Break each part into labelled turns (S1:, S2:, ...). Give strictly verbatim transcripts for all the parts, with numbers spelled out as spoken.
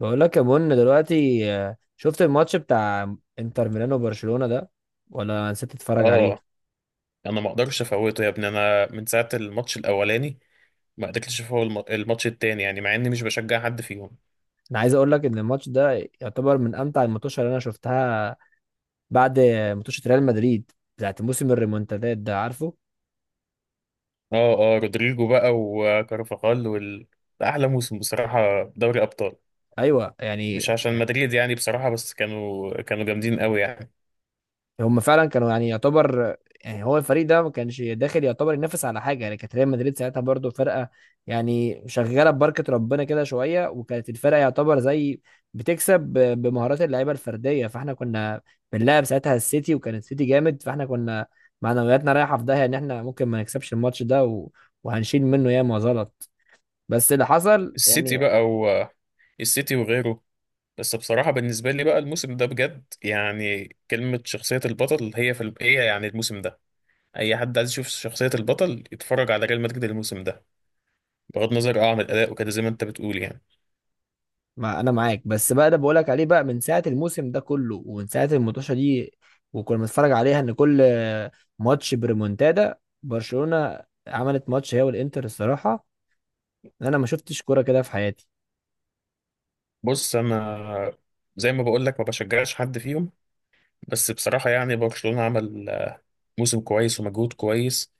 S1: بقول لك يا بن دلوقتي، آه، شفت الماتش بتاع انتر ميلانو وبرشلونة ده، ولا نسيت تتفرج عليه؟
S2: اه، انا ما اقدرش افوته يا ابني. انا من ساعه الماتش الاولاني ما قدرتش افوت الم- الماتش التاني، يعني مع اني مش بشجع حد فيهم.
S1: انا عايز اقول لك ان الماتش ده يعتبر من امتع الماتشات اللي انا شفتها، بعد ماتش ريال مدريد بتاعت موسم الريمونتادات ده، عارفه؟
S2: اه اه، رودريجو بقى وكارفاخال وال ده احلى موسم بصراحه، دوري ابطال.
S1: ايوه يعني.
S2: مش عشان مدريد يعني بصراحه، بس كانوا كانوا جامدين قوي يعني.
S1: هم فعلا كانوا يعني يعتبر، يعني هو الفريق ده ما كانش داخل يعتبر ينافس على حاجه، يعني كانت ريال مدريد ساعتها برضو فرقه يعني شغاله ببركه ربنا كده شويه، وكانت الفرقه يعتبر زي بتكسب ب- بمهارات اللعيبه الفرديه. فاحنا كنا بنلعب ساعتها السيتي، وكان السيتي جامد، فاحنا كنا معنوياتنا رايحه في داهيه ان احنا ممكن ما نكسبش الماتش ده، و... وهنشيل منه ياما غلط، بس اللي حصل
S2: السيتي
S1: يعني.
S2: بقى و... السيتي وغيره. بس بصراحه بالنسبه لي بقى الموسم ده بجد يعني، كلمه شخصيه البطل هي في ال... هي يعني الموسم ده. اي حد عايز يشوف شخصيه البطل يتفرج على ريال مدريد الموسم ده. بغض النظر اه عن الاداء وكده، زي ما انت بتقول يعني.
S1: ما انا معاك، بس بقى ده بقولك عليه بقى من ساعه الموسم ده كله، ومن ساعه المطوشه دي، وكنا بنتفرج عليها ان كل ماتش بريمونتادا. برشلونه عملت ماتش هي والانتر، الصراحه انا ما شفتش كوره كده في حياتي.
S2: بص انا، زي ما بقول لك ما بشجعش حد فيهم. بس بصراحه يعني برشلونه عمل آه، موسم كويس ومجهود كويس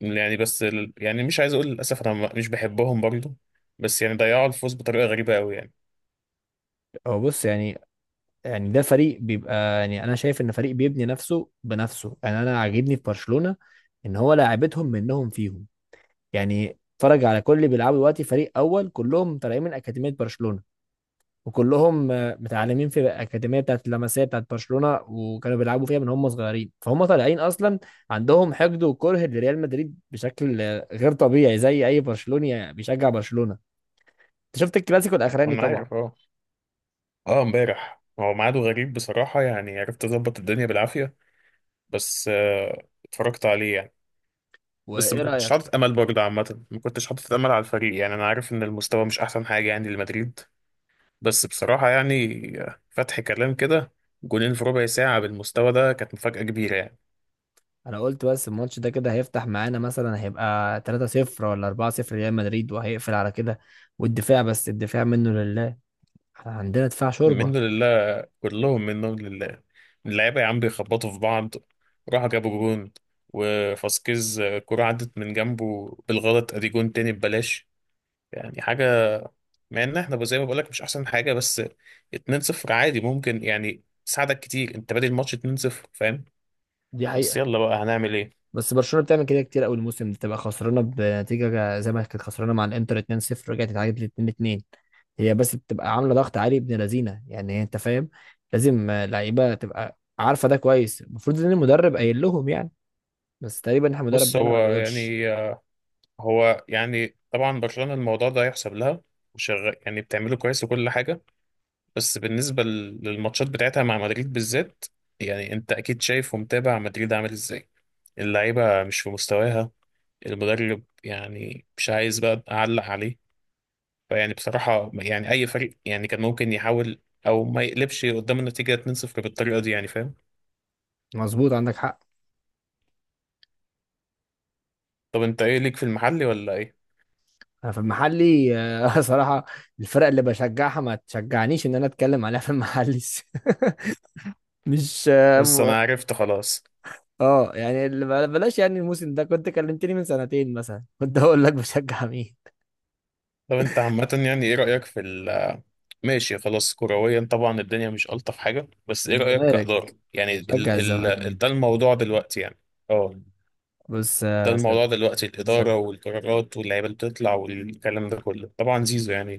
S2: يعني. بس ال- يعني مش عايز اقول للاسف، انا م- مش بحبهم برضو. بس يعني ضيعوا الفوز بطريقه غريبه قوي يعني.
S1: هو بص، يعني يعني ده فريق بيبقى، يعني انا شايف ان فريق بيبني نفسه بنفسه، يعني انا عاجبني في برشلونه ان هو لاعبتهم منهم فيهم. يعني اتفرج على كل اللي بيلعبوا دلوقتي، فريق اول كلهم طالعين من اكاديميه برشلونه، وكلهم آه، متعلمين في الاكاديميه بتاعت اللمسيه بتاعت برشلونه، وكانوا بيلعبوا فيها من هم صغيرين، فهم طالعين اصلا عندهم حقد وكره لريال مدريد بشكل آه، غير طبيعي، زي اي برشلوني بيشجع برشلونه. انت شفت الكلاسيكو الاخراني
S2: انا
S1: طبعا؟
S2: عارف اه. اه امبارح هو ميعاده غريب بصراحه، يعني عرفت اظبط الدنيا بالعافيه. بس آه، اتفرجت عليه يعني. بس ما
S1: وايه
S2: كنتش
S1: رايك؟
S2: حاطط امل برضه عامه، ما كنتش حاطط امل على الفريق. يعني انا عارف ان المستوى مش احسن حاجه يعني لمدريد. بس بصراحه يعني، فتح كلام كده جولين في ربع ساعه بالمستوى ده كانت مفاجاه كبيره يعني.
S1: انا قلت بس الماتش ده كده هيفتح معانا، مثلا هيبقى ثلاثة صفر ولا اربعة صفر ريال مدريد وهيقفل على كده، والدفاع بس الدفاع منه لله، احنا عندنا دفاع شوربه.
S2: منه لله، كلهم منهم لله. اللعيبه يا عم بيخبطوا في بعض. راحوا جابوا جون وفاسكيز، كرة عدت من جنبه بالغلط ادي جون تاني ببلاش. يعني حاجه، مع ان احنا زي ما بقولك مش احسن حاجه، بس اتنين صفر عادي ممكن يعني تساعدك كتير. انت بادئ الماتش اتنين صفر، فاهم.
S1: دي
S2: بس
S1: حقيقة.
S2: يلا بقى هنعمل ايه.
S1: بس برشلونه بتعمل كده كتير قوي الموسم ده، تبقى خسرانه بنتيجه زي ما كانت خسرانه مع الانتر اتنين صفر رجعت اتعادلت اتنين اتنين. هي بس بتبقى عامله ضغط عالي ابن لذينه، يعني انت فاهم. لازم آه، لعيبه تبقى عارفه ده كويس، المفروض ان المدرب قايل لهم يعني، بس تقريبا إحنا المدرب
S2: بص
S1: ده انا
S2: هو
S1: ما بيقولش.
S2: يعني هو يعني طبعا برشلونة الموضوع ده يحسب لها. وشغال يعني، بتعمله كويس وكل حاجة. بس بالنسبة لل- للماتشات بتاعتها مع مدريد بالذات، يعني انت اكيد شايف ومتابع مدريد عامل ازاي. اللعيبة مش في مستواها. المدرب يعني مش عايز بقى اعلق عليه. فيعني بصراحة يعني اي فريق يعني كان ممكن يحاول. او ما يقلبش قدام النتيجة اتنين صفر بالطريقة دي، يعني فاهم.
S1: مظبوط، عندك حق.
S2: طب انت ايه ليك في المحلي ولا ايه؟
S1: انا في المحلي، آه، صراحه الفرق اللي بشجعها ما تشجعنيش ان انا اتكلم عليها في المحلي. مش
S2: بس
S1: آه،
S2: انا عرفت خلاص.
S1: اه، يعني اللي بل- بلاش يعني. الموسم ده كنت كلمتني من سنتين مثلا، كنت هقول لك بشجع مين.
S2: طب انت عامة يعني ايه رأيك في ال ماشي خلاص، كرويا طبعا الدنيا مش ألطف حاجة، بس ايه رأيك
S1: الزمالك،
S2: كإدارة؟ يعني
S1: بشجع
S2: ال
S1: الزمالك.
S2: ال ده الموضوع دلوقتي يعني. اه،
S1: بص،
S2: ده
S1: آه، صد...
S2: الموضوع دلوقتي
S1: صد...
S2: الإدارة والقرارات واللعيبة اللي بتطلع والكلام ده كله، طبعا زيزو يعني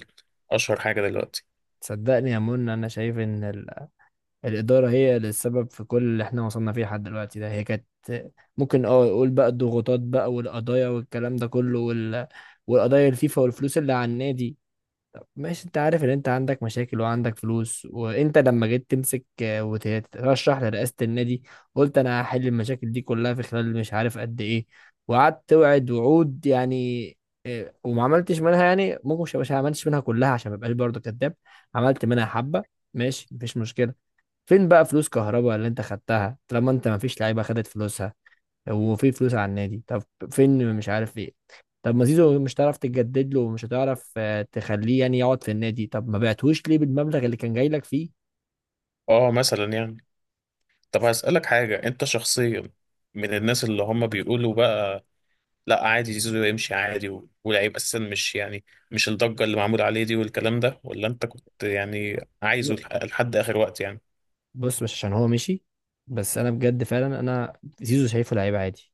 S2: أشهر حاجة دلوقتي.
S1: صدقني يا منى، انا شايف ان ال... الاداره هي اللي السبب في كل اللي احنا وصلنا فيه لحد دلوقتي، ده هي كانت ممكن اه يقول بقى الضغوطات بقى والقضايا والكلام ده كله، وال... والقضايا الفيفا والفلوس اللي على النادي. ماشي انت عارف ان انت عندك مشاكل وعندك فلوس، وانت لما جيت تمسك آه، وتترشح لرئاسة النادي، قلت انا هحل المشاكل دي كلها في خلال مش عارف قد ايه، وقعدت توعد وعود يعني. آه، وما عملتش منها يعني، ممكن مش مش عملتش منها كلها عشان ما ابقاش برضه كداب. عملت منها حبة، ماشي مفيش مشكلة. فين بقى فلوس كهربا اللي انت خدتها، طالما انت مفيش لعيبة خدت فلوسها وفي فلوس على النادي؟ طب فين، مش عارف ايه؟ طب ما زيزو مش هتعرف تجدد له ومش هتعرف آه، تخليه يعني يقعد في النادي، طب ما بعتهوش ليه بالمبلغ اللي كان جاي لك فيه؟
S2: اه مثلا يعني. طب هسألك حاجة انت شخصيا، من الناس اللي هم بيقولوا بقى لا عادي زيزو يمشي عادي و- ولعيب اساسا مش يعني، مش الضجه اللي معمول عليه دي والكلام ده، ولا انت كنت يعني عايزه
S1: ب-
S2: لح- لحد اخر وقت يعني؟
S1: بص، مش عشان هو مشي، بس انا بجد فعلا انا زيزو شايفه لعيب عادي.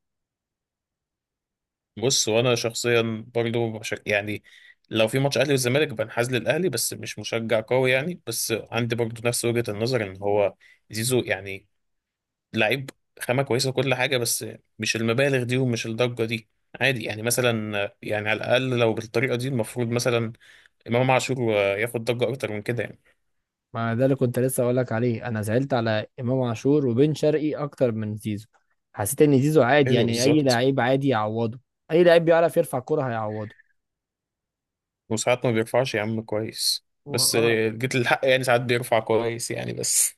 S2: بص وانا شخصيا برضو بشك يعني. لو في ماتش اهلي والزمالك بنحاز للاهلي، بس مش مشجع قوي يعني. بس عندي برضو نفس وجهه النظر ان هو زيزو يعني لعيب، خامه كويسه وكل حاجه، بس مش المبالغ دي ومش الضجه دي. عادي يعني، مثلا يعني على الاقل لو بالطريقه دي المفروض مثلا امام عاشور ياخد ضجه اكتر من كده يعني.
S1: ما ده اللي كنت لسه اقول لك عليه، انا زعلت على امام عاشور وبن شرقي اكتر من زيزو. حسيت ان زيزو عادي،
S2: ايوه
S1: يعني اي
S2: بالظبط.
S1: لعيب عادي يعوضه. اي لعيب بيعرف يرفع كرة هيعوضه.
S2: وساعات ما بيرفعش يا عم كويس،
S1: و-
S2: بس
S1: اه
S2: آه، جيت للحق يعني، ساعات بيرفع كويس يعني بس.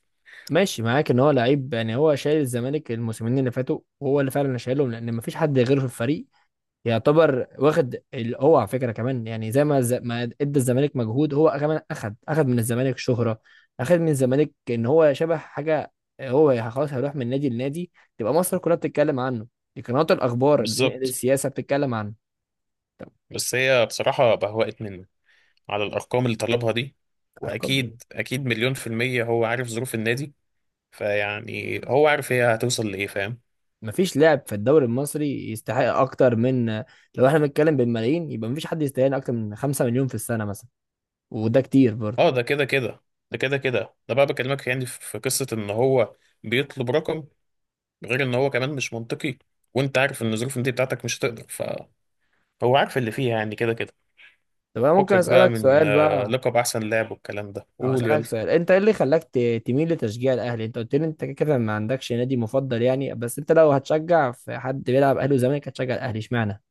S1: ماشي معاك ان هو لعيب، يعني هو شايل الزمالك الموسمين اللي فاتوا وهو اللي فعلا شايلهم لان مفيش حد غيره في الفريق يعتبر واخد ال- هو على فكره كمان، يعني زي ما الز- ما ادى الزمالك مجهود، هو كمان اخد اخد من الزمالك شهره. اخد من الزمالك ان هو شبه حاجه، هو خلاص هيروح من نادي لنادي تبقى مصر كلها بتتكلم عنه. دي قنوات الاخبار ال-
S2: بالظبط.
S1: السياسه بتتكلم عنه. طب
S2: بس هي بصراحة بهوقت منه على الأرقام اللي طلبها دي.
S1: ارقام،
S2: وأكيد أكيد مليون في المية هو عارف ظروف النادي. فيعني هو عارف هي هتوصل لإيه، فاهم.
S1: مفيش لاعب في الدوري المصري يستحق اكتر من، لو احنا بنتكلم بالملايين يبقى مفيش حد يستاهل اكتر من خمسة مليون في السنه مثلا، وده كتير برضه.
S2: اه ده كده كده. ده كده كده، ده بقى بكلمك يعني في قصة إن هو بيطلب رقم، غير إن هو كمان مش منطقي. وأنت عارف إن ظروف النادي بتاعتك مش هتقدر، فهو عارف اللي فيها يعني كده كده.
S1: طب انا ممكن
S2: فكك بقى
S1: اسالك
S2: من
S1: سؤال
S2: آه،
S1: بقى،
S2: لقب احسن لاعب والكلام ده،
S1: او
S2: قول
S1: اسالك
S2: يلا.
S1: سؤال، انت ايه اللي خلاك ت- تميل لتشجيع الاهلي؟ انت قلت لي انت كده كده ما عندكش نادي مفضل يعني، بس انت لو هتشجع في حد بيلعب اهلي وزمالك هتشجع الاهلي، اشمعنى؟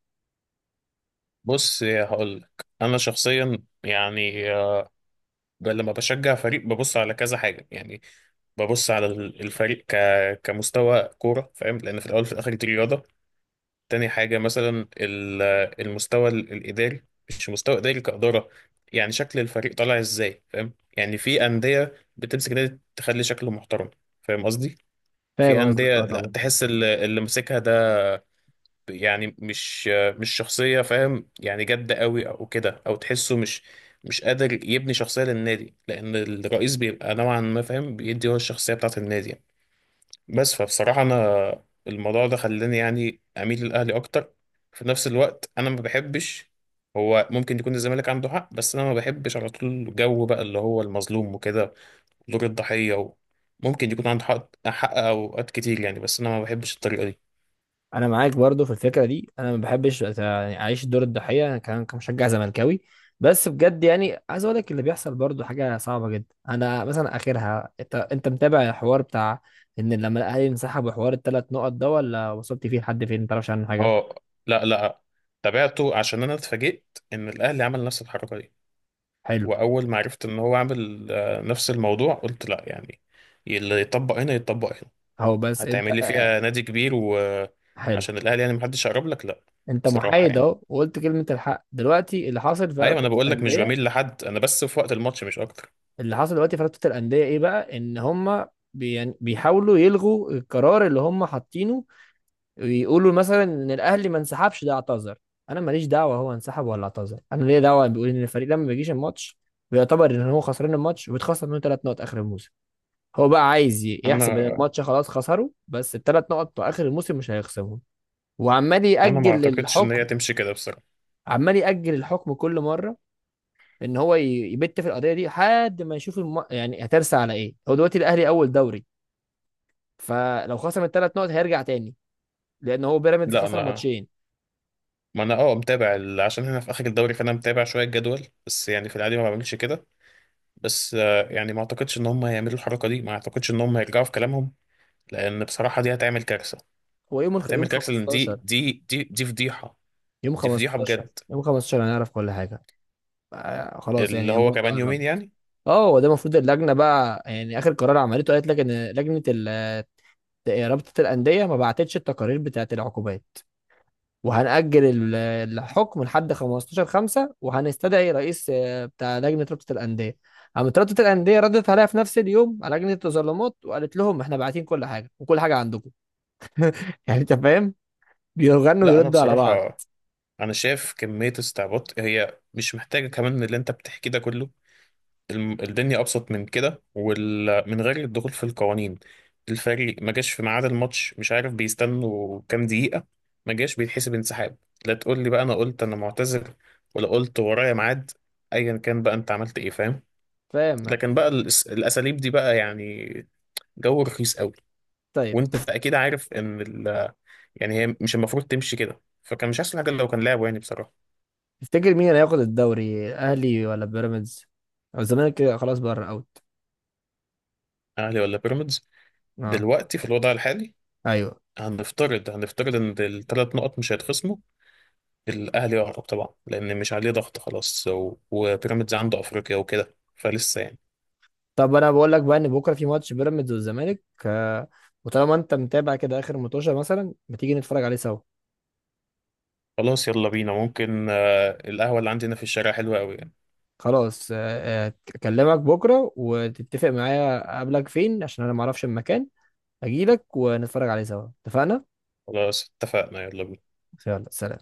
S2: بص هقول لك انا شخصيا يعني. آه، ب- لما بشجع فريق ببص على كذا حاجه يعني. ببص على ال- الفريق ك... كمستوى كوره، فاهم، لان في الاول وفي الاخر دي رياضه. تاني حاجه مثلا ال- آه، المستوى ال- الاداري. مش مستوى اداري كاداره، يعني شكل الفريق طالع ازاي فاهم. يعني في انديه بتمسك نادي تخلي شكله محترم، فاهم قصدي. في
S1: فاهم قصدك،
S2: انديه
S1: اه
S2: لا
S1: طبعا.
S2: تحس اللي اللي ماسكها يعني مش، مش شخصية فاهم، يعني جادة قوي او كده. او تحسه مش مش قادر يبني شخصية للنادي، لان الرئيس بيبقى نوعا ما فاهم، بيدي هو الشخصية بتاعة النادي يعني. بس فبصراحة انا الموضوع ده خلاني يعني اميل للاهلي اكتر. في نفس الوقت انا ما بحبش، هو ممكن يكون الزمالك عنده حق بس انا ما بحبش على طول جو بقى اللي هو المظلوم وكده، دور الضحية و... ممكن يكون عنده حق، حق اوقات كتير يعني، بس انا ما بحبش الطريقة دي.
S1: انا معاك برضه في الفكره دي، انا ما بحبش أت- يعني اعيش دور الضحيه انا كمان كمشجع زملكاوي. بس بجد يعني عايز اقول لك اللي بيحصل برضه حاجه صعبه جدا، انا مثلا اخرها، انت انت متابع الحوار بتاع ان لما الاهلي انسحب وحوار الثلاث نقط ده، ولا وصلت فيه لحد فين ما تعرفش عنه حاجه؟
S2: اه. لا لا. تابعته عشان انا اتفاجئت ان الاهلي عمل نفس الحركه دي.
S1: حلو.
S2: واول ما عرفت ان هو عامل آه، نفس الموضوع قلت لا يعني. اللي يطبق هنا يطبق هنا.
S1: هو بس انت
S2: هتعمل
S1: آه،
S2: لي
S1: آه،
S2: فيها نادي كبير
S1: حلو.
S2: وعشان الاهلي يعني محدش يقرب لك؟ لا.
S1: انت
S2: بصراحه
S1: محايد
S2: يعني،
S1: اهو وقلت كلمه الحق، دلوقتي اللي حاصل في
S2: ايوه
S1: رابطه
S2: انا بقول لك مش
S1: الانديه.
S2: بميل لحد، انا بس في وقت الماتش مش اكتر.
S1: اللي حاصل دلوقتي في رابطه الانديه ايه بقى؟ ان هم بي... يعني بيحاولوا يلغوا القرار اللي هم حاطينه، ويقولوا مثلا ان الاهلي ما انسحبش ده اعتذر. انا ماليش دعوه هو انسحب ولا اعتذر، انا ليا دعوه بيقول ان الفريق لما ما بيجيش الماتش بيعتبر ان هو خسران الماتش وبيتخصم منه ثلاث نقط اخر الموسم. هو بقى عايز ي- يحسب ان
S2: انا
S1: الماتش خلاص خسره، بس الثلاث نقط بتوع اخر الموسم مش هيخصمهم. وعمال
S2: انا ما
S1: يأجل
S2: اعتقدش ان هي
S1: الحكم،
S2: تمشي كده بصراحه.
S1: عمال يأجل الحكم كل مرة، ان هو ي- يبت في القضية دي لحد ما يشوف الم... يعني هترسى على ايه. هو دلوقتي الاهلي اول دوري، فلو خسر الثلاث نقط هيرجع تاني لان هو بيراميدز
S2: لا
S1: خسر
S2: انا،
S1: ماتشين.
S2: ما انا اه متابع ال- عشان هنا في اخر الدوري، فانا متابع شويه الجدول، بس يعني في العادي ما بعملش كده. بس آه، يعني ما اعتقدش ان هم هيعملوا الحركه دي، ما اعتقدش ان هم هيرجعوا في كلامهم، لان بصراحه دي هتعمل كارثه.
S1: هو يوم الخ...
S2: هتعمل
S1: يوم
S2: كارثه لان دي
S1: 15
S2: دي دي دي فضيحه.
S1: يوم
S2: دي فضيحه
S1: 15
S2: بجد.
S1: يوم خمسة عشر هنعرف كل حاجة. آه خلاص
S2: اللي
S1: يعني
S2: هو
S1: المدة
S2: كمان يومين
S1: قربت.
S2: يعني.
S1: اه، هو ده المفروض اللجنة بقى يعني، اخر قرار عملته قالت لك ان لجنة ال... رابطة الأندية ما بعتتش التقارير بتاعت العقوبات، وهنأجل ال- الحكم لحد خمسة عشر خمسة، وهنستدعي رئيس آه، بتاع لجنة رابطة الأندية. قامت رابطة الأندية ردت عليها في نفس اليوم على لجنة التظلمات، وقالت لهم احنا باعتين كل حاجة وكل حاجة عندكم. يعني انت فاهم. بيغنوا
S2: لا انا
S1: ويردوا على بعض.
S2: بصراحه، انا شايف كميه استعباط هي مش محتاجه كمان اللي انت بتحكي ده كله. الم- الدنيا ابسط من كده ومن غير الدخول في القوانين. الفريق ما جاش في ميعاد الماتش، مش عارف بيستنوا كام دقيقة، ما جاش بيتحسب انسحاب. لا تقول لي بقى انا قلت انا معتذر، ولا قلت ورايا ميعاد، ايا كان بقى انت عملت ايه فاهم.
S1: فاهم.
S2: لكن بقى الأس- الاساليب دي بقى يعني، جو رخيص قوي.
S1: طيب
S2: وانت
S1: تف-
S2: اكيد عارف ان ال يعني هي مش المفروض تمشي كده، فكان مش احسن حاجة لو كان لعبه يعني بصراحة.
S1: تفتكر مين اللي هياخد الدوري؟ اهلي ولا بيراميدز، أو الزمالك كده خلاص بره اوت؟
S2: اهلي ولا بيراميدز.
S1: اه.
S2: دلوقتي في الوضع الحالي،
S1: ايوه.
S2: هنفترض هنفترض ان الثلاث نقط مش هيتخصموا، الاهلي يهرب طبعا لان مش عليه ضغط خلاص، و- وبيراميدز عنده افريقيا وكده فلسه يعني.
S1: طب انا بقول لك بقى ان بكره في ماتش بيراميدز والزمالك، آه، وطالما انت متابع كده اخر متوشه مثلا، ما تيجي نتفرج عليه سوا؟
S2: خلاص يلا بينا، ممكن آه، القهوه اللي عندنا في الشارع حلوه قوي يعني.
S1: خلاص. آه، آه، اكلمك بكره وتتفق معايا، اقابلك فين عشان انا ما اعرفش المكان، اجيلك ونتفرج عليه سوا، اتفقنا؟
S2: خلاص اتفقنا يلا بينا.
S1: يلا، سلام.